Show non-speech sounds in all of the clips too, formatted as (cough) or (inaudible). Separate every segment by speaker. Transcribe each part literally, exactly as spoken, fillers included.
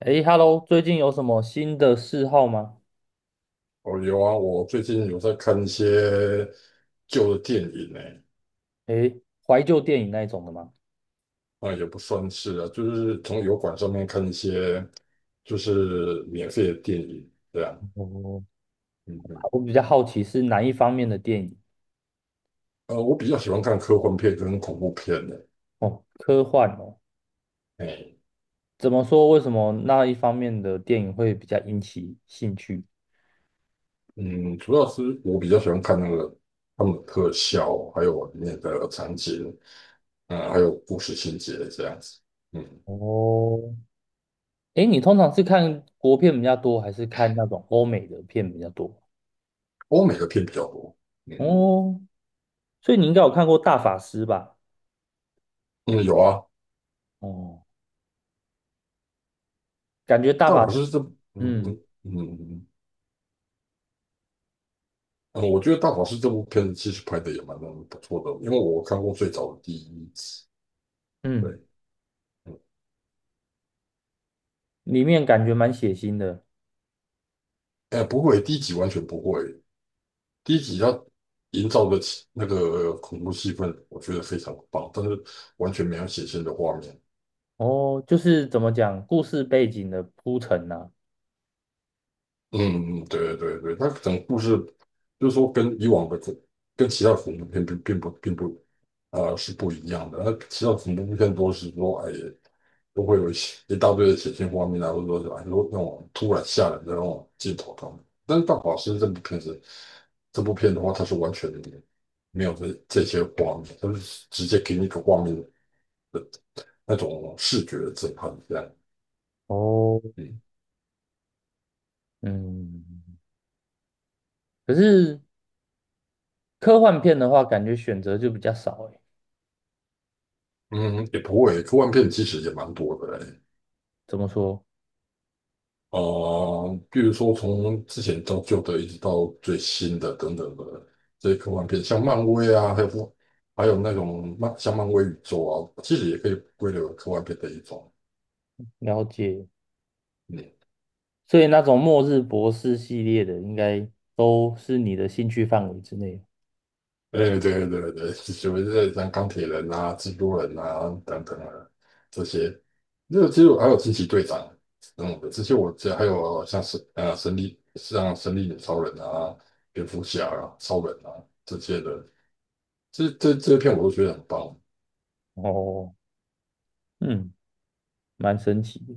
Speaker 1: 诶 h e l l o 最近有什么新的嗜好吗？
Speaker 2: 哦，有啊，我最近有在看一些旧的电影呢。
Speaker 1: 诶，怀旧电影那一种的吗？
Speaker 2: 啊，也不算是啊，就是从油管上面看一些就是免费的电影这样。
Speaker 1: 哦，
Speaker 2: 嗯嗯。
Speaker 1: 我比较好奇是哪一方面的电影。
Speaker 2: 呃，我比较喜欢看科幻片跟恐怖片的。
Speaker 1: 哦，科幻哦。
Speaker 2: 哎，
Speaker 1: 怎么说？为什么那一方面的电影会比较引起兴趣？
Speaker 2: 嗯，主要是我比较喜欢看那个他们的特效，还有里面的场景，嗯，还有故事情节这样子。嗯。
Speaker 1: 哦，诶，你通常是看国片比较多，还是看那种欧美的片比较多？
Speaker 2: 欧美的片比较多。嗯
Speaker 1: 哦，所以你应该有看过《大法师》吧？
Speaker 2: 嗯，有啊。
Speaker 1: 哦，感觉《大
Speaker 2: 但
Speaker 1: 法
Speaker 2: 我
Speaker 1: 师》
Speaker 2: 是这，嗯
Speaker 1: 嗯
Speaker 2: 嗯嗯。嗯嗯，我觉得《大法师》这部片子其实拍的也蛮不错的，因为我看过最早的第一集。对，
Speaker 1: 嗯，
Speaker 2: 嗯。
Speaker 1: 里面感觉蛮血腥的。
Speaker 2: 哎，不会，第一集完全不会。第一集它营造的气那个恐怖气氛，我觉得非常棒，但是完全没有血腥的画面。
Speaker 1: 哦，就是怎么讲，故事背景的铺陈呐、
Speaker 2: 嗯，嗯对对对，它可能故事就是说跟以往的这，跟其他恐怖片并并不并不啊、呃是不一样的。那其他恐怖片都是说哎都会有一些一大堆的血腥画面啊，或者说哎说那种突然吓人的那种镜头他们。但是《大法师》这部片子，这部片的话，它是完全没有这这些画面，它是直接给你一个画面的那种视觉的震撼，这样。
Speaker 1: 哦，
Speaker 2: 嗯
Speaker 1: 嗯，可是科幻片的话，感觉选择就比较少诶。
Speaker 2: 嗯，也不会，科幻片其实也蛮多的嘞。哎
Speaker 1: 怎么说？
Speaker 2: 呃，比如说从之前到旧的，一直到最新的等等的这些科幻片，像漫威啊，还有不还有那种漫像漫威宇宙啊，其实也可以归类为科幻片的一种。
Speaker 1: 了解。
Speaker 2: 嗯。
Speaker 1: 所以那种末日博士系列的，应该都是你的兴趣范围之内。
Speaker 2: 哎，对对对对，(laughs) 就是像钢铁人啊、蜘蛛人啊等等啊这些，那其实还有惊奇队长等等的这些我记得这还有像神啊神力像神力女超人啊、蝙蝠侠啊、超人啊这些的，这这这些片我都觉得很棒。
Speaker 1: 哦，嗯，蛮神奇的。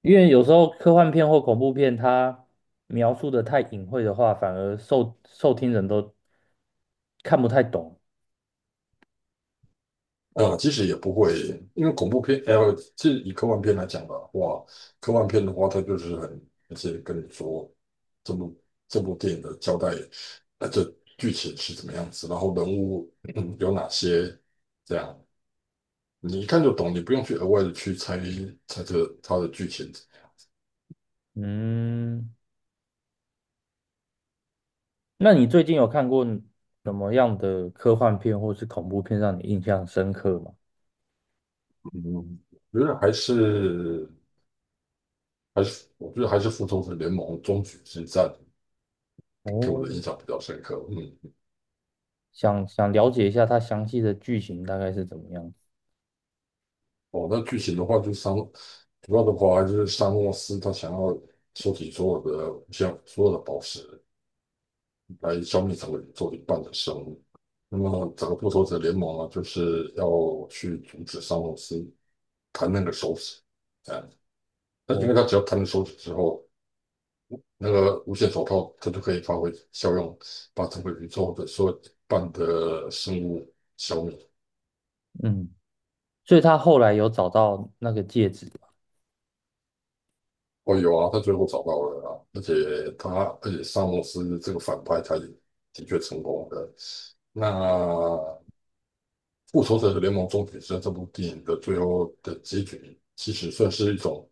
Speaker 1: 因为有时候科幻片或恐怖片，它描述的太隐晦的话，反而受受听人都看不太懂。
Speaker 2: 啊，其实也不会，因为恐怖片，呃，其实以科幻片来讲的话，科幻片的话，它就是很直接跟你说这部这部电影的交代，呃，这剧情是怎么样子，然后人物嗯有哪些，这样你一看就懂，你不用去额外的去猜猜测它的剧情。
Speaker 1: 嗯，那你最近有看过什么样的科幻片或是恐怖片让你印象深刻吗？
Speaker 2: 嗯，我觉得还是还是，我觉得还是《复仇者联盟：终局之战》给我
Speaker 1: 哦，
Speaker 2: 的印象比较深刻。嗯。
Speaker 1: 想想了解一下它详细的剧情大概是怎么样。
Speaker 2: 哦，那剧情的话就相主要的话，就是沙诺斯他想要收集所有的像所有的宝石来消灭整个宇宙一半的生物。那么整个复仇者联盟啊，就是要去阻止沙诺斯弹那个手指，哎、那因
Speaker 1: 哦，
Speaker 2: 为他只要弹了手指之后，那个无限手套他就可以发挥效用，把整个宇宙的所有一半的生物消灭。
Speaker 1: 嗯，所以他后来有找到那个戒指吗。
Speaker 2: 哦，有啊，他最后找到了啊，而且他，而且萨默斯这个反派，他也的确成功的。那《复仇者联盟：终结者》这部电影的最后的结局，其实算是一种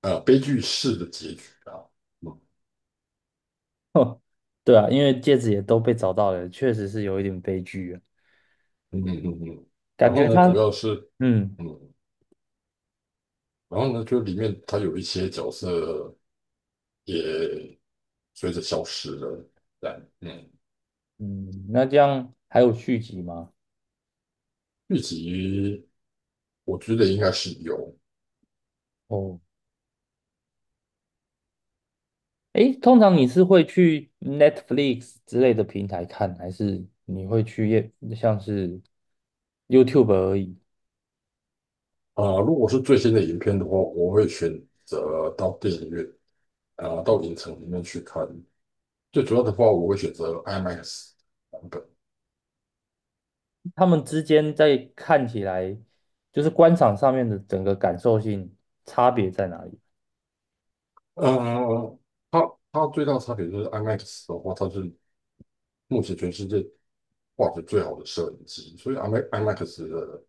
Speaker 2: 呃悲剧式的结局啊。嗯
Speaker 1: (laughs) 对啊，因为戒指也都被找到了，确实是有一点悲剧啊。
Speaker 2: 嗯嗯嗯嗯然
Speaker 1: 感觉
Speaker 2: 后呢，主
Speaker 1: 他，
Speaker 2: 要是
Speaker 1: 嗯
Speaker 2: 嗯，然后呢，就里面他有一些角色也随着消失了。但嗯，
Speaker 1: 嗯，那这样还有续集吗？
Speaker 2: 剧集我觉得应该是有。
Speaker 1: 哦，诶，通常你是会去 Netflix 之类的平台看，还是你会去也像是 YouTube 而已？
Speaker 2: 啊、如果是最新的影片的话，我会选择到电影院啊、到影城里面去看。最主要的话，我会选择 IMAX 版本。
Speaker 1: 他们之间在看起来，就是观赏上面的整个感受性差别在哪里？
Speaker 2: 嗯、它它最大差别就是 IMAX 的话，它是目前全世界画质最好的摄影机，所以 I M A- x 的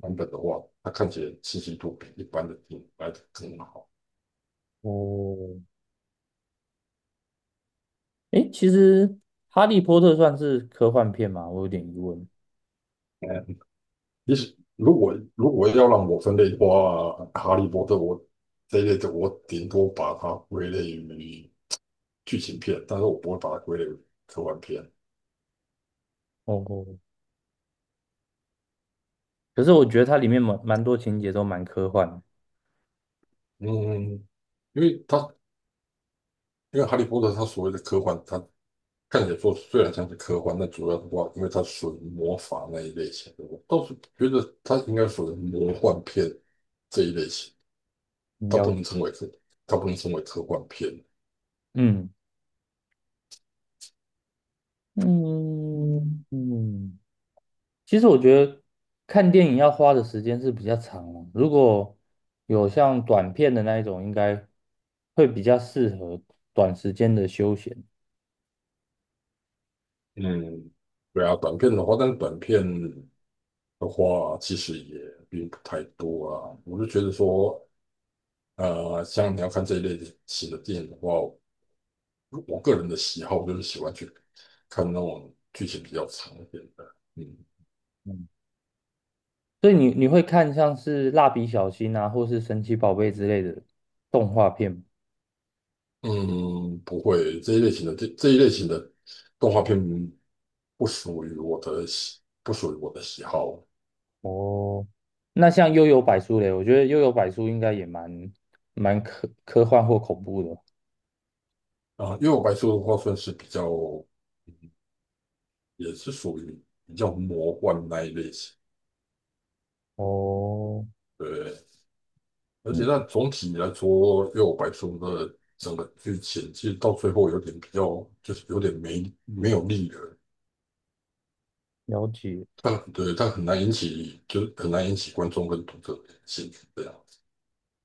Speaker 2: 版本的话，它看起来清晰度比一般的电影来得更好。
Speaker 1: 哦，诶，其实《哈利波特》算是科幻片嘛，我有点疑问。
Speaker 2: 嗯，其实如果如果要让我分类的话，哈利波特我这一类的，我顶多把它归类于。剧情片，但是我不会把它归类为科幻片。
Speaker 1: 哦，可是我觉得它里面蛮蛮多情节都蛮科幻的。
Speaker 2: 嗯，因为它因为哈利波特它所谓的科幻，它看起来说虽然像是科幻，但主要的话，因为它属于魔法那一类型的，我倒是觉得它应该属于魔幻片这一类型，
Speaker 1: 你
Speaker 2: 它
Speaker 1: 了
Speaker 2: 不
Speaker 1: 解
Speaker 2: 能称为科，它不能称为科幻片。
Speaker 1: 嗯嗯
Speaker 2: 嗯。
Speaker 1: 嗯，其实我觉得看电影要花的时间是比较长了，如果有像短片的那一种，应该会比较适合短时间的休闲。
Speaker 2: 嗯，对啊，短片的话，但是短片的话，其实也并不太多啊。我就觉得说，呃，像你要看这一类型的电影的话，我个人的喜好，就是喜欢去看那种剧情比较长一点的。嗯
Speaker 1: 嗯，所以你你会看像是蜡笔小新啊，或是神奇宝贝之类的动画片吗。
Speaker 2: 嗯，不会，这一类型的这这一类型的动画片不属于我的喜，不属于我的喜好。
Speaker 1: 哦，那像幽游白书嘞，我觉得幽游白书应该也蛮蛮科科幻或恐怖的。
Speaker 2: 啊，因为我白素的话算是比较，也是属于比较魔幻那一类型。
Speaker 1: 哦，
Speaker 2: 对，而且
Speaker 1: 嗯，
Speaker 2: 那总体来说，因为我白素的整个剧情其实到最后有点比较，就是有点没没有力了。
Speaker 1: 了解。
Speaker 2: 但对，但很难引起，就是很难引起观众跟读者的兴趣这样子。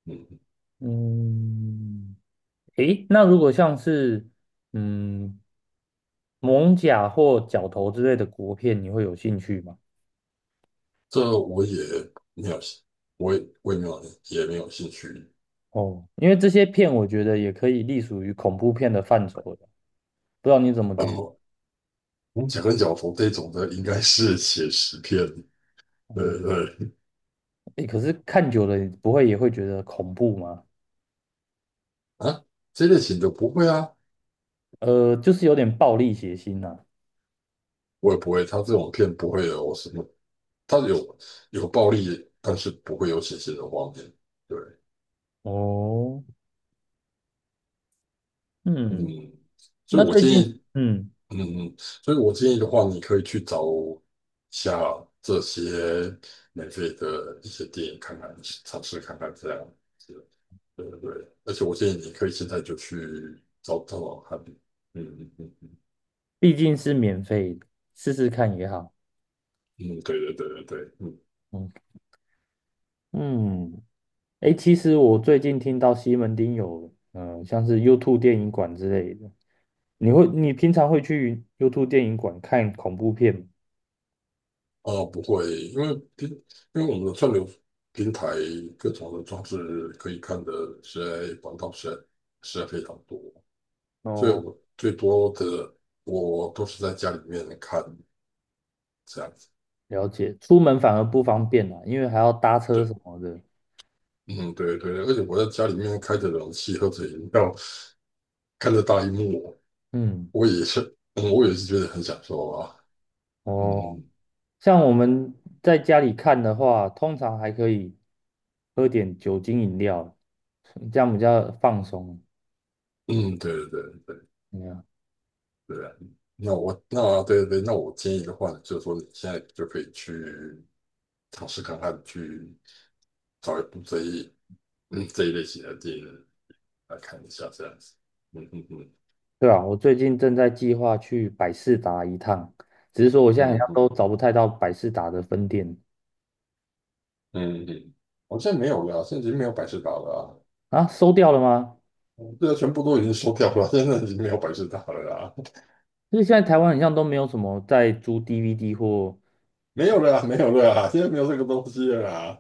Speaker 2: 嗯，
Speaker 1: 嗯，诶，那如果像是嗯蒙甲或角头之类的国片，你会有兴趣吗？
Speaker 2: 这我也没有我也我也没有也没有兴趣。
Speaker 1: 哦，因为这些片我觉得也可以隶属于恐怖片的范畴的，不知道你怎么
Speaker 2: 然
Speaker 1: 觉得？
Speaker 2: 后我们讲跟角头这种的，应该是写实片，
Speaker 1: 哦，
Speaker 2: 对对
Speaker 1: 诶，可是看久了，你不会也会觉得恐怖吗？
Speaker 2: 啊，这类型的不会啊，
Speaker 1: 呃，就是有点暴力血腥呐、
Speaker 2: 我也不会。他这种片不会有什么，他有有暴力，但是不会有血腥的画面。对。
Speaker 1: 哦，嗯，
Speaker 2: 嗯。所
Speaker 1: 那
Speaker 2: 以我
Speaker 1: 最
Speaker 2: 建
Speaker 1: 近，
Speaker 2: 议
Speaker 1: 嗯，
Speaker 2: 嗯嗯，所以我建议的话，你可以去找下这些免费的一些电影看看，尝试看看这样子。对对对，而且我建议你可以现在就去找找找看。嗯嗯嗯
Speaker 1: 毕竟是免费的试试看也好。
Speaker 2: 嗯，对对对对对。嗯
Speaker 1: 嗯嗯，诶，其实我最近听到西门町有，呃，像是 YouTube 电影馆之类的。你会，你平常会去 YouTube 电影馆看恐怖片吗？
Speaker 2: 啊，不会，因为平因为我们的串流平台各种的装置可以看的实在管道实在实在非常多，所以
Speaker 1: 哦，
Speaker 2: 我最多的我都是在家里面看这样子。
Speaker 1: 了解。出门反而不方便啦，因为还要搭
Speaker 2: 对，
Speaker 1: 车什么的。
Speaker 2: 嗯，对对对，而且我在家里面开着冷气，喝着饮料，看着大荧幕，
Speaker 1: 嗯，
Speaker 2: 我也是，嗯，我也是觉得很享受啊。
Speaker 1: 哦，
Speaker 2: 嗯
Speaker 1: 像我们在家里看的话，通常还可以喝点酒精饮料，这样比较放松。
Speaker 2: 嗯，对对对对
Speaker 1: 怎么样
Speaker 2: 对啊那我那对对对，那我建议的话呢，就是说你现在就可以去尝试看看，去找一部这一嗯这一类型的电影来看一下，这样子。嗯嗯嗯
Speaker 1: 对啊，我最近正在计划去百事达一趟，只是说我现在好
Speaker 2: 嗯
Speaker 1: 像
Speaker 2: 嗯
Speaker 1: 都找不太到百事达的分店。
Speaker 2: 嗯嗯，好像没有了，现在已经没有百事达了
Speaker 1: 啊，收掉了吗？
Speaker 2: 啊，对啊，全部都已经收掉了，现在已经没有百事达了啊。
Speaker 1: 因是现在台湾好像都没有什么在租 D V D 或
Speaker 2: 没有了呀没有了呀，现在没有这个东西了呀。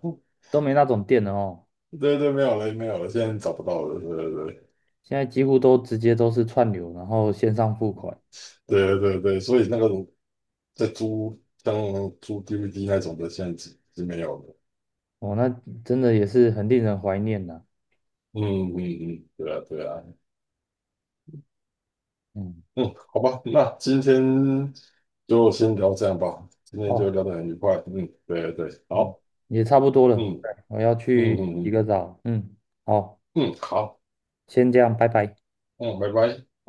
Speaker 1: 都没那种店了哦，
Speaker 2: 对对，没有了，没有了，现在找不到了。对对对
Speaker 1: 现在几乎都直接都是串流，然后线上付款，
Speaker 2: 对对对，所以那个在租像租 D V D 那种的，现在是经没有了。
Speaker 1: 哦，那真的也是很令人怀念呐、
Speaker 2: 嗯嗯嗯，对啊对啊，
Speaker 1: 嗯，
Speaker 2: 嗯，好吧，那今天就先聊这样吧，今天就
Speaker 1: 哦，
Speaker 2: 聊得很愉快。嗯，对对，
Speaker 1: 嗯，
Speaker 2: 好，
Speaker 1: 也差不多了，
Speaker 2: 嗯
Speaker 1: 对我要
Speaker 2: 嗯
Speaker 1: 去
Speaker 2: 嗯
Speaker 1: 洗
Speaker 2: 嗯
Speaker 1: 个澡，嗯，好，
Speaker 2: 嗯，好，
Speaker 1: 先这样，拜拜。
Speaker 2: 嗯，拜拜。